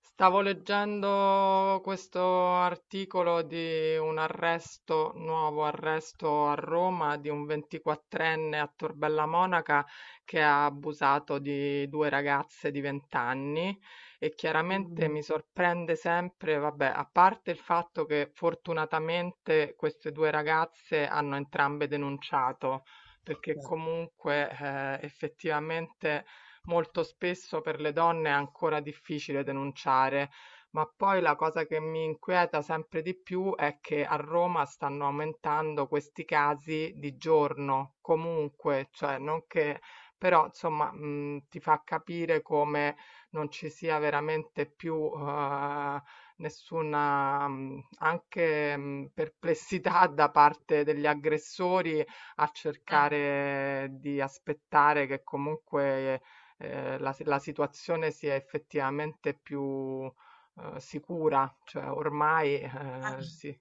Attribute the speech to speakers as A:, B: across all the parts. A: Stavo leggendo questo articolo di un arresto, nuovo arresto a Roma di un 24enne a Tor Bella Monaca che ha abusato di due ragazze di 20 anni e chiaramente
B: Mm.
A: mi sorprende sempre, vabbè, a parte il fatto che fortunatamente queste due ragazze hanno entrambe denunciato, perché
B: Beh.
A: comunque effettivamente molto spesso per le donne è ancora difficile denunciare. Ma poi la cosa che mi inquieta sempre di più è che a Roma stanno aumentando questi casi di giorno, comunque, cioè non che, però insomma, ti fa capire come non ci sia veramente più nessuna anche perplessità da parte degli aggressori a
B: Mm.
A: cercare di aspettare che comunque la situazione sia effettivamente più sicura, cioè ormai
B: Eh.
A: si.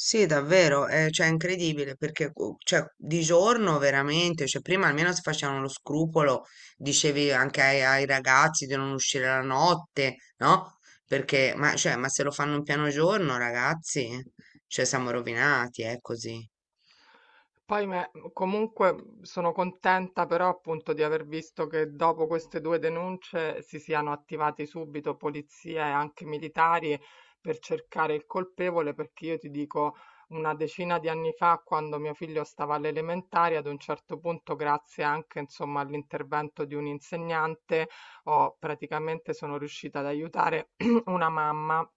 B: Sì, davvero, cioè è incredibile perché cioè, di giorno veramente, cioè, prima almeno si facevano lo scrupolo, dicevi anche ai ragazzi di non uscire la notte, no? Perché, ma, cioè, ma se lo fanno in piano giorno, ragazzi, cioè siamo rovinati, è così.
A: Comunque sono contenta però appunto di aver visto che dopo queste due denunce si siano attivati subito polizia e anche militari per cercare il colpevole, perché io ti dico una decina di anni fa, quando mio figlio stava alle elementari, ad un certo punto, grazie anche insomma all'intervento di un insegnante, ho praticamente sono riuscita ad aiutare una mamma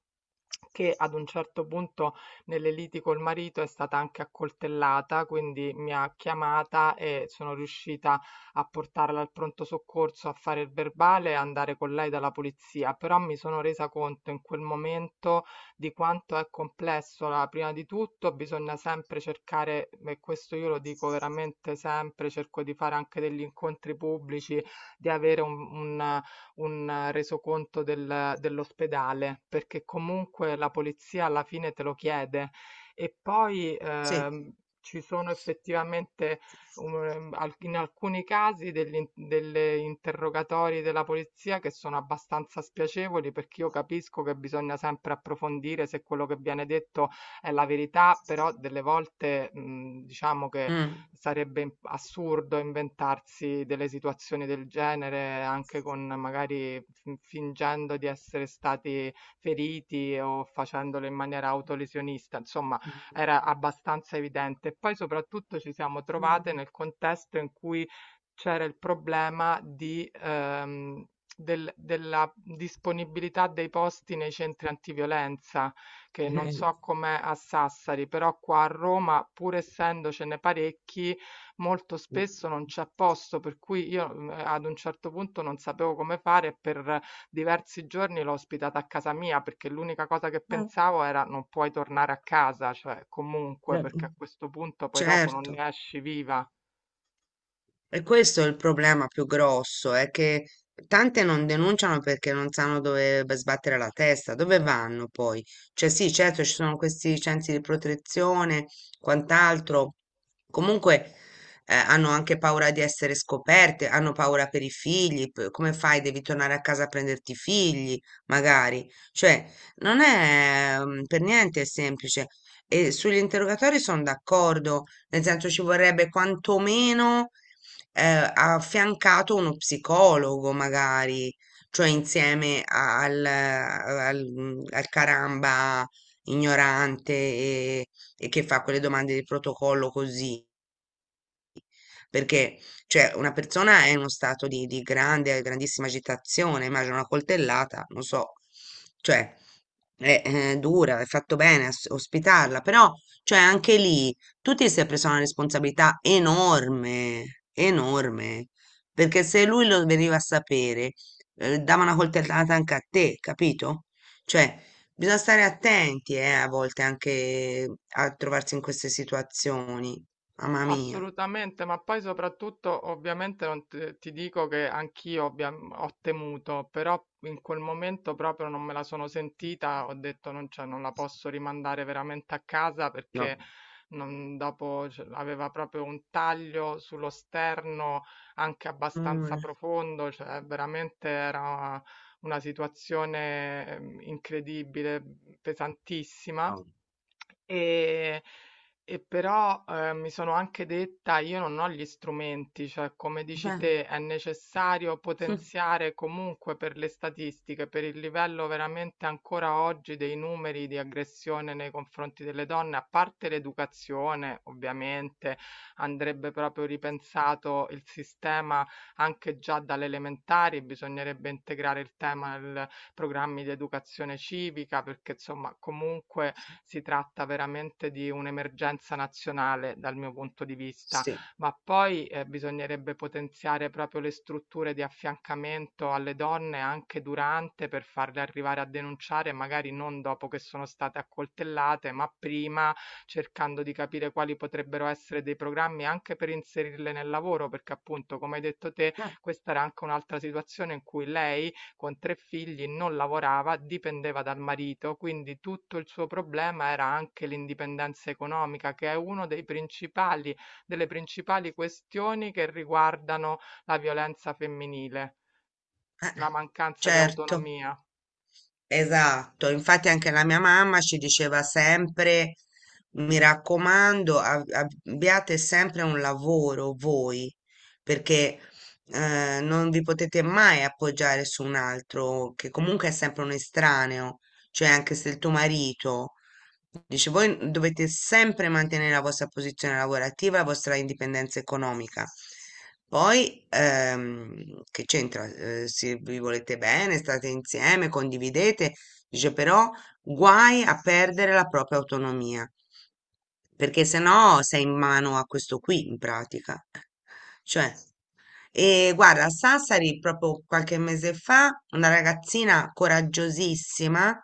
A: che ad un certo punto nelle liti col marito è stata anche accoltellata, quindi mi ha chiamata e sono riuscita a portarla al pronto soccorso, a fare il verbale e andare con lei dalla polizia, però mi sono resa conto in quel momento di quanto è complesso. Prima di tutto bisogna sempre cercare, e questo io lo dico veramente sempre, cerco di fare anche degli incontri pubblici, di avere un resoconto dell'ospedale, perché comunque la polizia alla fine te lo chiede. E poi
B: Sì.
A: ci sono effettivamente in alcuni casi delle interrogatori della polizia che sono abbastanza spiacevoli perché io capisco che bisogna sempre approfondire se quello che viene detto è la verità, però delle volte, diciamo che
B: Mm.
A: sarebbe im assurdo inventarsi delle situazioni del genere anche con magari fingendo di essere stati feriti o facendolo in maniera autolesionista, insomma era abbastanza evidente. E poi soprattutto ci siamo
B: Mm.
A: trovate nel contesto in cui c'era il problema di della disponibilità dei posti nei centri antiviolenza che non so com'è a Sassari, però qua a Roma, pur essendocene parecchi, molto spesso non c'è posto, per cui ad un certo punto non sapevo come fare e per diversi giorni l'ho ospitata a casa mia perché l'unica cosa che
B: Eh.
A: pensavo era non puoi tornare a casa, cioè comunque, perché a questo punto poi dopo non
B: Certo.
A: ne esci viva.
B: E questo è il problema più grosso, è che tante non denunciano perché non sanno dove sbattere la testa, dove vanno poi? Cioè sì, certo ci sono questi centri di protezione, quant'altro, comunque hanno anche paura di essere scoperte, hanno paura per i figli, come fai? Devi tornare a casa a prenderti i figli, magari. Cioè, non è per niente semplice. E sugli interrogatori sono d'accordo, nel senso ci vorrebbe quantomeno affiancato uno psicologo magari, cioè insieme al caramba ignorante e che fa quelle domande di protocollo così. Perché, cioè, una persona è in uno stato di grande, grandissima agitazione, immagino una coltellata, non so, cioè, è dura, è fatto bene ospitarla, però, cioè, anche lì tu ti sei preso una responsabilità enorme, enorme, perché se lui lo veniva a sapere, dava una coltellata anche a te, capito? Cioè, bisogna stare attenti, a volte anche a trovarsi in queste situazioni, mamma mia.
A: Assolutamente, ma poi soprattutto ovviamente non te- ti dico che ho temuto, però in quel momento proprio non me la sono sentita, ho detto non, cioè, non la posso rimandare veramente a casa
B: No.
A: perché dopo cioè, aveva proprio un taglio sullo sterno anche abbastanza
B: Mh.
A: profondo, cioè veramente era una situazione incredibile, pesantissima.
B: No.
A: E, e però mi sono anche detta, io non ho gli strumenti, cioè come dici
B: Eh.
A: te, è necessario
B: Mh.
A: potenziare comunque per le statistiche, per il livello veramente ancora oggi dei numeri di aggressione nei confronti delle donne, a parte l'educazione, ovviamente, andrebbe proprio ripensato il sistema anche già dalle elementari, bisognerebbe integrare il tema programmi di educazione civica, perché insomma comunque si tratta veramente di un'emergenza nazionale dal mio punto di vista,
B: Sì.
A: ma poi bisognerebbe potenziare proprio le strutture di affiancamento alle donne anche durante per farle arrivare a denunciare, magari non dopo che sono state accoltellate, ma prima cercando di capire quali potrebbero essere dei programmi anche per inserirle nel lavoro, perché appunto, come hai detto te,
B: Eh.
A: questa era anche un'altra situazione in cui lei con tre figli non lavorava, dipendeva dal marito, quindi tutto il suo problema era anche l'indipendenza economica, che è uno dei principali delle principali questioni che riguardano la violenza femminile,
B: Eh.
A: la mancanza di
B: Certo,
A: autonomia.
B: esatto. Infatti anche la mia mamma ci diceva sempre: "Mi raccomando, a abbiate sempre un lavoro voi, perché, non vi potete mai appoggiare su un altro, che comunque è sempre un estraneo, cioè anche se il tuo marito dice, voi dovete sempre mantenere la vostra posizione lavorativa, la vostra indipendenza economica. Poi, che c'entra? Se vi volete bene, state insieme, condividete, dice però guai a perdere la propria autonomia, perché sennò sei in mano a questo qui, in pratica. Cioè, e guarda, a Sassari proprio qualche mese fa, una ragazzina coraggiosissima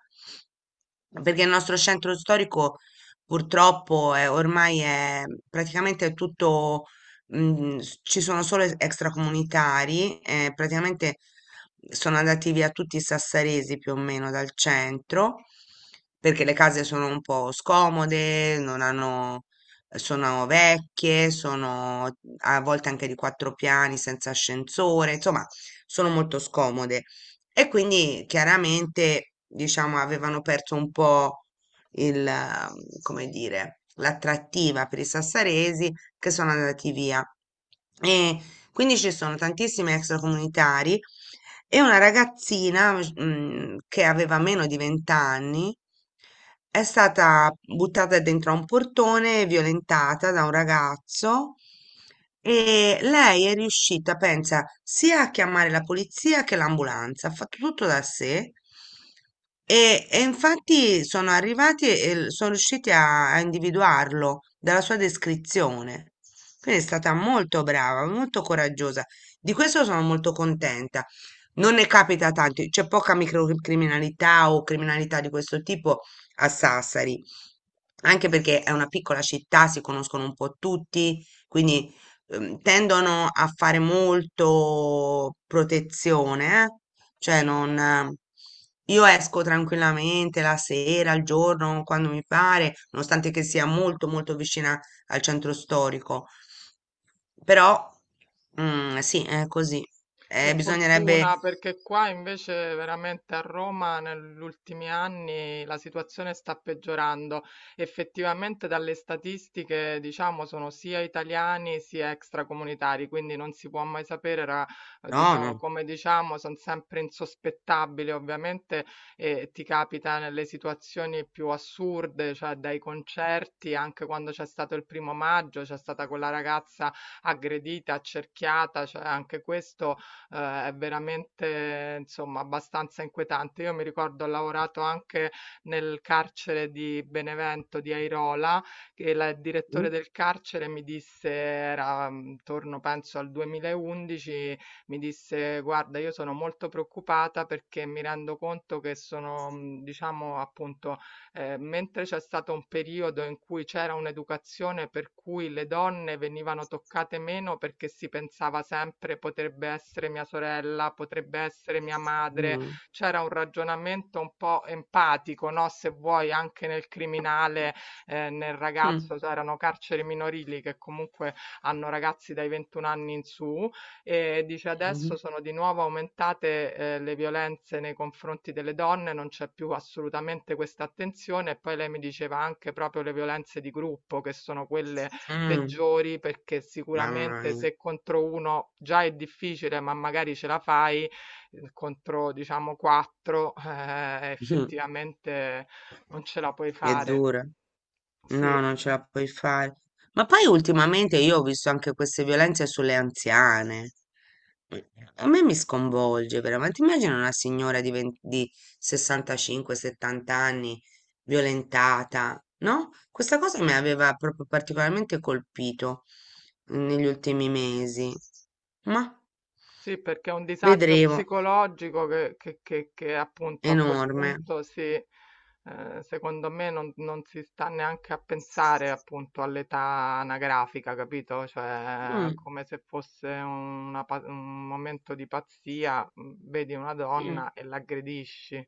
B: perché il nostro centro storico purtroppo è, ormai è praticamente tutto, ci sono solo extracomunitari, praticamente sono andati via tutti i sassaresi più o meno dal centro, perché le case sono un po' scomode, non hanno, sono vecchie, sono a volte anche di quattro piani senza ascensore, insomma, sono molto scomode. E quindi chiaramente, diciamo, avevano perso un po' il, come dire, l'attrattiva per i sassaresi che sono andati via. E quindi ci sono tantissimi extracomunitari e una ragazzina, che aveva meno di 20 anni, è stata buttata dentro a un portone, violentata da un ragazzo e lei è riuscita, pensa, sia a chiamare la polizia che l'ambulanza, ha fatto tutto da sé e infatti sono arrivati e sono riusciti a individuarlo dalla sua descrizione. Quindi è stata molto brava, molto coraggiosa. Di questo sono molto contenta. Non ne capita tanto, c'è poca microcriminalità o criminalità di questo tipo a Sassari, anche perché è una piccola città, si conoscono un po' tutti, quindi tendono a fare molto protezione, eh. Cioè non. Io esco tranquillamente la sera, al giorno, quando mi pare, nonostante che sia molto molto vicina al centro storico, però sì, è così.
A: Che
B: Bisognerebbe.
A: fortuna, perché qua invece veramente a Roma negli ultimi anni la situazione sta peggiorando. Effettivamente dalle statistiche, diciamo, sono sia italiani sia extracomunitari, quindi non si può mai sapere,
B: No,
A: diciamo,
B: no.
A: come diciamo, sono sempre insospettabili, ovviamente, e ti capita nelle situazioni più assurde, cioè dai concerti, anche quando c'è stato il primo maggio, c'è stata quella ragazza aggredita, accerchiata, cioè anche questo è veramente insomma abbastanza inquietante. Io mi ricordo ho lavorato anche nel carcere di Benevento di Airola che il direttore
B: Mm,
A: del carcere mi disse, era intorno penso al 2011, mi disse guarda io sono molto preoccupata perché mi rendo conto che sono diciamo appunto mentre c'è stato un periodo in cui c'era un'educazione per cui le donne venivano toccate meno perché si pensava sempre potrebbe essere mia sorella, potrebbe essere mia madre,
B: mm,
A: c'era un ragionamento un po' empatico, no? Se vuoi, anche nel criminale, nel
B: mm,
A: ragazzo, c'erano carceri minorili che comunque hanno ragazzi dai 21 anni in su e dice adesso
B: mm,
A: sono di nuovo aumentate, le violenze nei confronti delle donne, non c'è più assolutamente questa attenzione. E poi lei mi diceva anche proprio le violenze di gruppo, che sono quelle
B: mm.
A: peggiori, perché
B: Mamma
A: sicuramente
B: mia.
A: se contro 1 già è difficile, ma magari ce la fai, contro diciamo 4,
B: Mh,
A: effettivamente non ce la puoi
B: è
A: fare.
B: dura.
A: Sì.
B: No, non ce la puoi fare. Ma poi ultimamente io ho visto anche queste violenze sulle anziane. Eh, A me mi sconvolge veramente. Immagina una signora di 20 di 65-70 anni violentata, no? Questa cosa mi aveva proprio particolarmente colpito negli ultimi mesi. Ma
A: Sì, perché è un disagio
B: vedremo,
A: psicologico che appunto a quel
B: enorme.
A: punto si, secondo me non si sta neanche a pensare appunto all'età anagrafica, capito? Cioè, è
B: Mm,
A: come se fosse un momento di pazzia, vedi una
B: mm.
A: donna e l'aggredisci.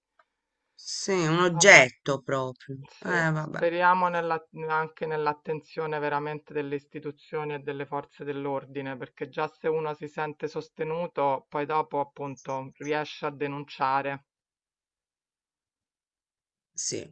B: Sì, un
A: Vabbè.
B: oggetto proprio.
A: Sì,
B: Vabbè.
A: speriamo nella anche nell'attenzione veramente delle istituzioni e delle forze dell'ordine, perché già se uno si sente sostenuto, poi dopo appunto riesce a denunciare.
B: Sì.